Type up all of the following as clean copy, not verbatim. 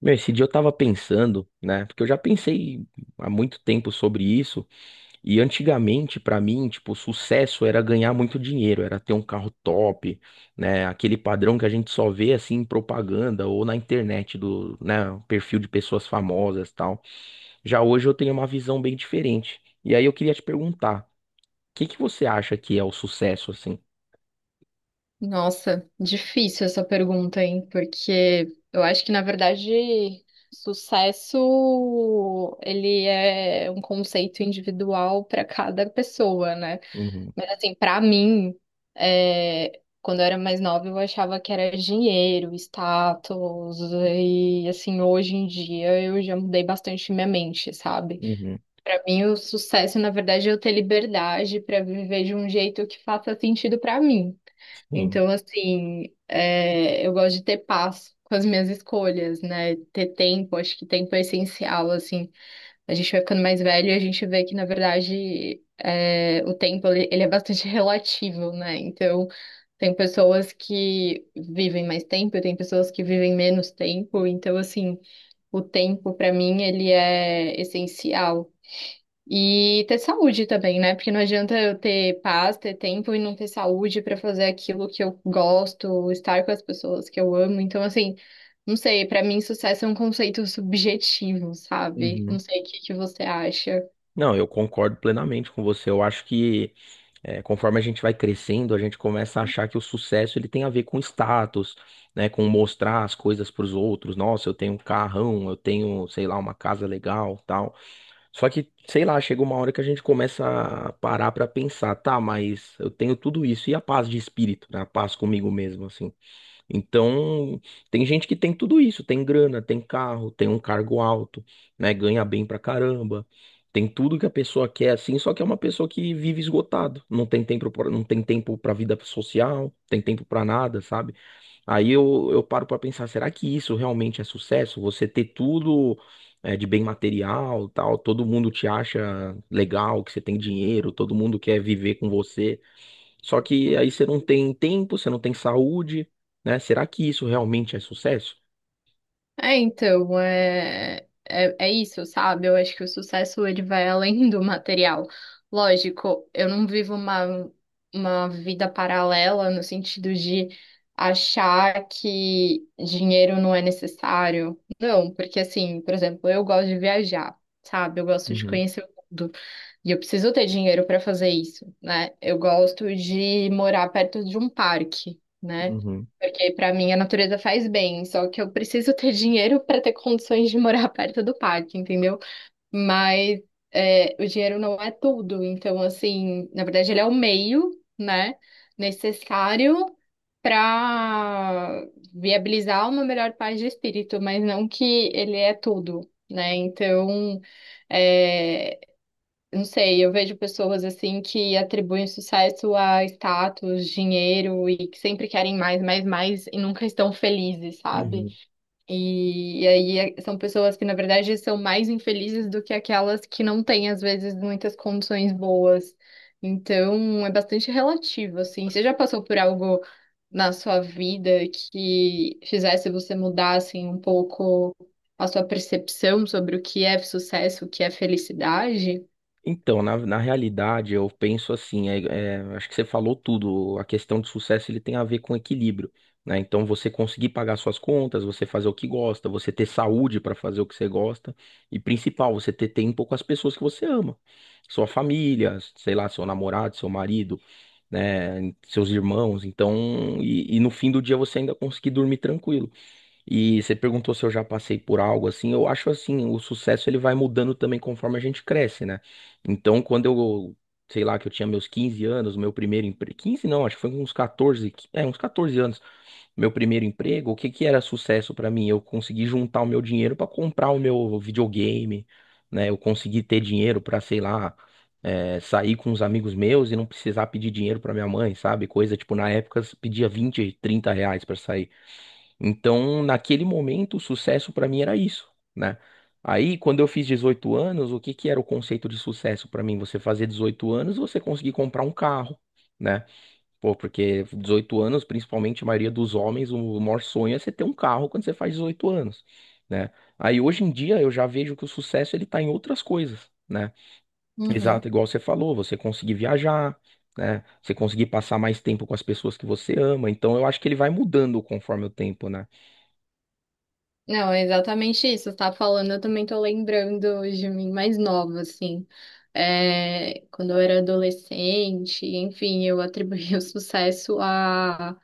Meu, esse dia eu tava pensando, né? Porque eu já pensei há muito tempo sobre isso, e antigamente, pra mim, tipo, o sucesso era ganhar muito dinheiro, era ter um carro top, né? Aquele padrão que a gente só vê assim em propaganda ou na internet do, né, perfil de pessoas famosas, e tal. Já hoje eu tenho uma visão bem diferente. E aí eu queria te perguntar, o que que você acha que é o sucesso assim? Nossa, difícil essa pergunta, hein? Porque eu acho que, na verdade, sucesso ele é um conceito individual para cada pessoa, né? Uhum, Mas assim, para mim, quando eu era mais nova, eu achava que era dinheiro, status, e assim, hoje em dia eu já mudei bastante minha mente, sabe? uhum, Para mim, o sucesso, na verdade, é eu ter liberdade para viver de um jeito que faça sentido para mim. sim. Então, assim, eu gosto de ter paz com as minhas escolhas, né? Ter tempo, acho que tempo é essencial, assim. A gente vai ficando mais velho e a gente vê que, na verdade, o tempo, ele é bastante relativo, né? Então, tem pessoas que vivem mais tempo, tem pessoas que vivem menos tempo. Então, assim, o tempo, para mim, ele é essencial. E ter saúde também, né? Porque não adianta eu ter paz, ter tempo e não ter saúde pra fazer aquilo que eu gosto, estar com as pessoas que eu amo. Então, assim, não sei, pra mim sucesso é um conceito subjetivo, sabe? Não Uhum. sei o que que você acha. Não, eu concordo plenamente com você. Eu acho que conforme a gente vai crescendo, a gente começa a achar que o sucesso ele tem a ver com status, né, com mostrar as coisas para os outros. Nossa, eu tenho um carrão, eu tenho, sei lá, uma casa legal, tal. Só que, sei lá, chega uma hora que a gente começa a parar para pensar, tá, mas eu tenho tudo isso e a paz de espírito, né, a paz comigo mesmo, assim. Então, tem gente que tem tudo isso, tem grana, tem carro, tem um cargo alto, né? Ganha bem pra caramba. Tem tudo que a pessoa quer, assim, só que é uma pessoa que vive esgotado, não tem tempo, não tem tempo para vida social, não tem tempo pra nada, sabe? Aí eu paro pra pensar, será que isso realmente é sucesso? Você ter tudo de bem material, tal, todo mundo te acha legal, que você tem dinheiro, todo mundo quer viver com você. Só que aí você não tem tempo, você não tem saúde, né? Será que isso realmente é sucesso? É, então, é isso, sabe? Eu acho que o sucesso ele vai além do material. Lógico, eu não vivo uma vida paralela no sentido de achar que dinheiro não é necessário. Não, porque assim, por exemplo, eu gosto de viajar, sabe? Eu gosto de Uhum, conhecer o mundo. E eu preciso ter dinheiro para fazer isso, né? Eu gosto de morar perto de um parque, né? uhum, Porque pra mim a natureza faz bem, só que eu preciso ter dinheiro pra ter condições de morar perto do parque, entendeu? Mas o dinheiro não é tudo, então assim, na verdade ele é o meio, né, necessário pra viabilizar uma melhor paz de espírito, mas não que ele é tudo, né? Então, é, não sei, eu vejo pessoas assim que atribuem sucesso a status, dinheiro e que sempre querem mais, mais, mais e nunca estão felizes, sabe? uhum. São pessoas que, na verdade, são mais infelizes do que aquelas que não têm, às vezes, muitas condições boas. Então, é bastante relativo, assim. Você já passou por algo na sua vida que fizesse você mudar, assim, um pouco a sua percepção sobre o que é sucesso, o que é felicidade? Então, na realidade, eu penso assim, acho que você falou tudo, a questão de sucesso ele tem a ver com equilíbrio, né? Então, você conseguir pagar suas contas, você fazer o que gosta, você ter saúde para fazer o que você gosta, e principal, você ter tempo com as pessoas que você ama, sua família, sei lá, seu namorado, seu marido, né, seus irmãos, então, e no fim do dia você ainda conseguir dormir tranquilo. E você perguntou se eu já passei por algo assim, eu acho assim, o sucesso ele vai mudando também conforme a gente cresce, né? Então, quando eu, sei lá, que eu tinha meus 15 anos, meu primeiro emprego, 15 não, acho que foi uns 14, uns 14 anos, meu primeiro emprego, o que que era sucesso pra mim? Eu consegui juntar o meu dinheiro pra comprar o meu videogame, né? Eu consegui ter dinheiro pra, sei lá, sair com os amigos meus e não precisar pedir dinheiro pra minha mãe, sabe? Coisa tipo, na época, se pedia 20 30 reais pra sair. Então, naquele momento, o sucesso pra mim era isso, né? Aí, quando eu fiz 18 anos, o que que era o conceito de sucesso pra mim? Você fazer 18 anos, você conseguir comprar um carro, né? Pô, porque 18 anos, principalmente a maioria dos homens, o maior sonho é você ter um carro quando você faz 18 anos, né? Aí hoje em dia eu já vejo que o sucesso ele tá em outras coisas, né? Exato, Uhum. igual você falou, você conseguir viajar, né? Você conseguir passar mais tempo com as pessoas que você ama. Então eu acho que ele vai mudando conforme o tempo, né? Não, é exatamente isso. Você tá falando, eu também tô lembrando de mim mais nova, assim. É, quando eu era adolescente, enfim, eu atribuía o sucesso a,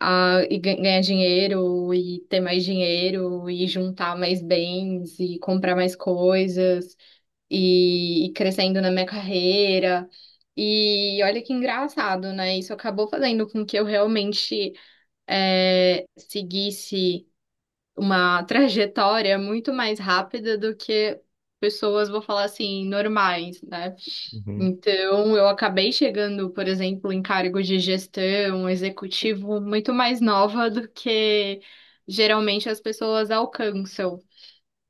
a e gan- ganhar dinheiro e ter mais dinheiro e juntar mais bens e comprar mais coisas e crescendo na minha carreira. E olha que engraçado, né? Isso acabou fazendo com que eu realmente seguisse uma trajetória muito mais rápida do que pessoas, vou falar assim, normais, né? Uhum, Então, eu acabei chegando, por exemplo, em cargos de gestão, executivo, muito mais nova do que geralmente as pessoas alcançam.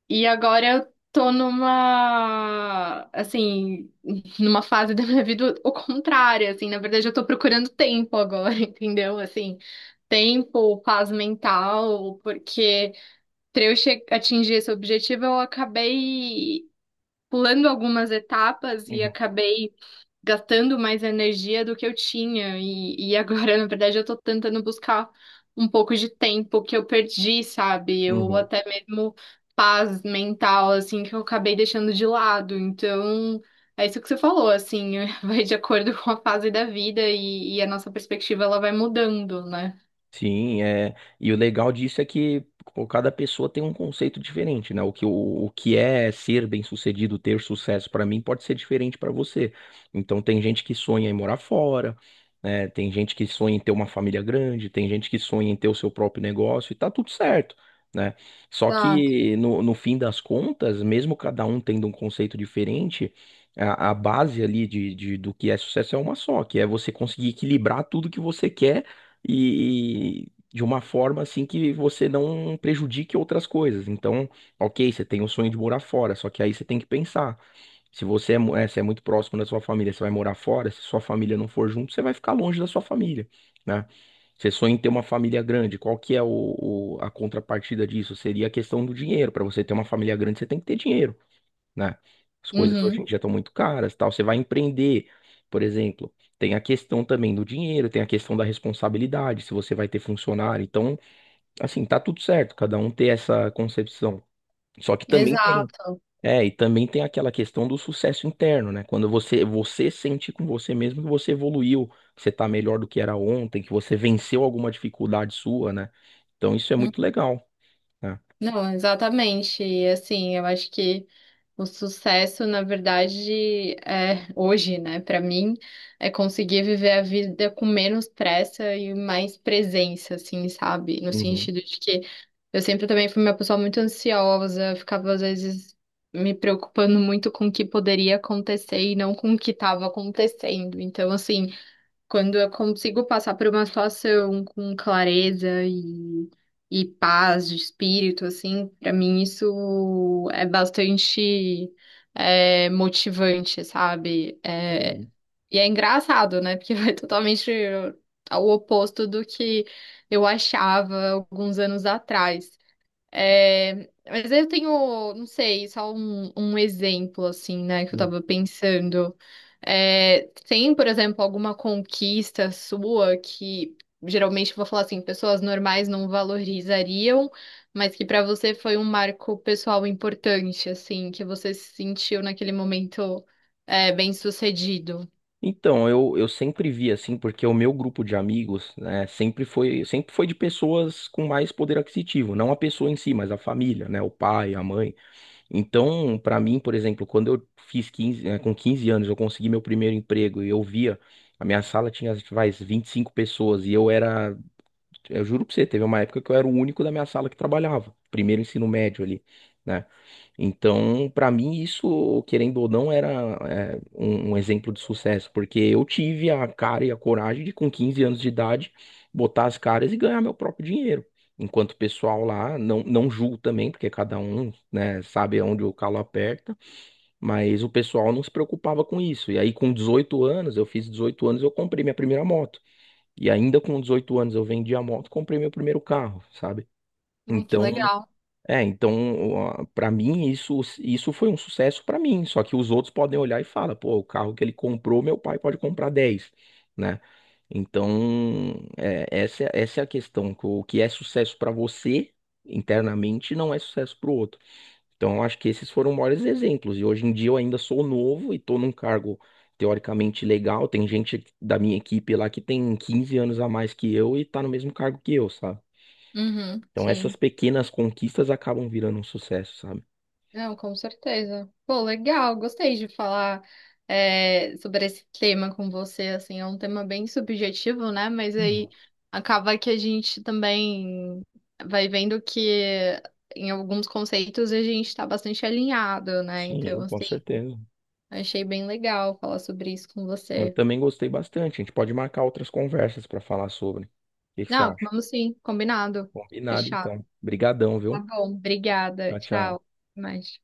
E agora eu tô numa, assim, numa fase da minha vida o contrário, assim, na verdade eu tô procurando tempo agora, entendeu? Assim, tempo, paz mental, porque para eu atingir esse objetivo, eu acabei pulando algumas etapas e uhum, acabei gastando mais energia do que eu tinha. E agora, na verdade, eu tô tentando buscar um pouco de tempo que eu perdi, sabe? Ou uhum. até mesmo paz mental, assim, que eu acabei deixando de lado. Então, é isso que você falou, assim, vai de acordo com a fase da vida e a nossa perspectiva ela vai mudando, né? Sim, é. E o legal disso é que pô, cada pessoa tem um conceito diferente, né? O que é ser bem-sucedido, ter sucesso para mim pode ser diferente para você. Então tem gente que sonha em morar fora, né? Tem gente que sonha em ter uma família grande, tem gente que sonha em ter o seu próprio negócio e tá tudo certo, né? Só Exato. que no fim das contas, mesmo cada um tendo um conceito diferente, a base ali do que é sucesso é uma só, que é você conseguir equilibrar tudo que você quer e de uma forma assim que você não prejudique outras coisas. Então, ok, você tem o sonho de morar fora, só que aí você tem que pensar. Se você é, mu- é, se é muito próximo da sua família, você vai morar fora. Se sua família não for junto, você vai ficar longe da sua família, né? Você sonha em ter uma família grande, qual que é a contrapartida disso? Seria a questão do dinheiro. Para você ter uma família grande, você tem que ter dinheiro, né? As coisas hoje em Uhum. dia estão muito caras, tal. Você vai empreender, por exemplo, tem a questão também do dinheiro, tem a questão da responsabilidade, se você vai ter funcionário. Então, assim, tá tudo certo, cada um ter essa concepção. Só que também tem, Exato. E também tem aquela questão do sucesso interno, né? Quando você sente com você mesmo que você evoluiu, que você tá melhor do que era ontem, que você venceu alguma dificuldade sua, né? Então, isso é muito legal, né? Não, exatamente. E assim, eu acho que o sucesso, na verdade, é hoje, né? Para mim, é conseguir viver a vida com menos pressa e mais presença, assim, sabe? No sentido de que eu sempre também fui uma pessoa muito ansiosa, ficava às vezes me preocupando muito com o que poderia acontecer e não com o que estava acontecendo. Então, assim, quando eu consigo passar por uma situação com clareza e paz de espírito, assim, pra mim isso é bastante motivante, sabe? É, Uhum. e é engraçado, né? Porque vai totalmente ao oposto do que eu achava alguns anos atrás. É, mas eu tenho, não sei, só um exemplo, assim, né, que eu tava pensando. É, tem, por exemplo, alguma conquista sua que, geralmente, eu vou falar assim, pessoas normais não valorizariam, mas que pra você foi um marco pessoal importante, assim, que você se sentiu naquele momento, bem-sucedido. Então, eu sempre vi assim, porque o meu grupo de amigos, né, sempre foi de pessoas com mais poder aquisitivo, não a pessoa em si, mas a família, né, o pai, a mãe. Então, pra mim, por exemplo, quando eu fiz 15, com 15 anos, eu consegui meu primeiro emprego e eu via, a minha sala tinha, vai, 25 pessoas e eu era, eu juro pra você, teve uma época que eu era o único da minha sala que trabalhava, primeiro ensino médio ali, né? Então, para mim, isso, querendo ou não, era um exemplo de sucesso, porque eu tive a cara e a coragem de, com 15 anos de idade, botar as caras e ganhar meu próprio dinheiro. Enquanto o pessoal lá, não, não julgo também, porque cada um, né, sabe onde o calo aperta, mas o pessoal não se preocupava com isso. E aí, com 18 anos, eu fiz 18 anos, eu comprei minha primeira moto. E ainda com 18 anos, eu vendi a moto, e comprei meu primeiro carro, sabe? Ai, que Então. legal. É, então, para mim, isso, foi um sucesso para mim. Só que os outros podem olhar e falar, pô, o carro que ele comprou, meu pai pode comprar 10, né? Então, essa é a questão. Que o que é sucesso para você internamente não é sucesso para o outro. Então, eu acho que esses foram maiores exemplos. E hoje em dia eu ainda sou novo e estou num cargo teoricamente legal. Tem gente da minha equipe lá que tem 15 anos a mais que eu e está no mesmo cargo que eu, sabe? Uhum, Então essas sim. pequenas conquistas acabam virando um sucesso, sabe? Não, com certeza. Pô, legal, gostei de falar sobre esse tema com você, assim, é um tema bem subjetivo, né? Mas Uhum. aí acaba que a gente também vai vendo que em alguns conceitos a gente tá bastante alinhado, né? Então, Sim, com assim, certeza. achei bem legal falar sobre isso com Eu você. também gostei bastante. A gente pode marcar outras conversas para falar sobre. O que que você Não, acha? vamos sim, combinado, Combinado, fechado. então. Obrigadão, Tá viu? bom, obrigada, Tchau, tchau. tchau. Até mais.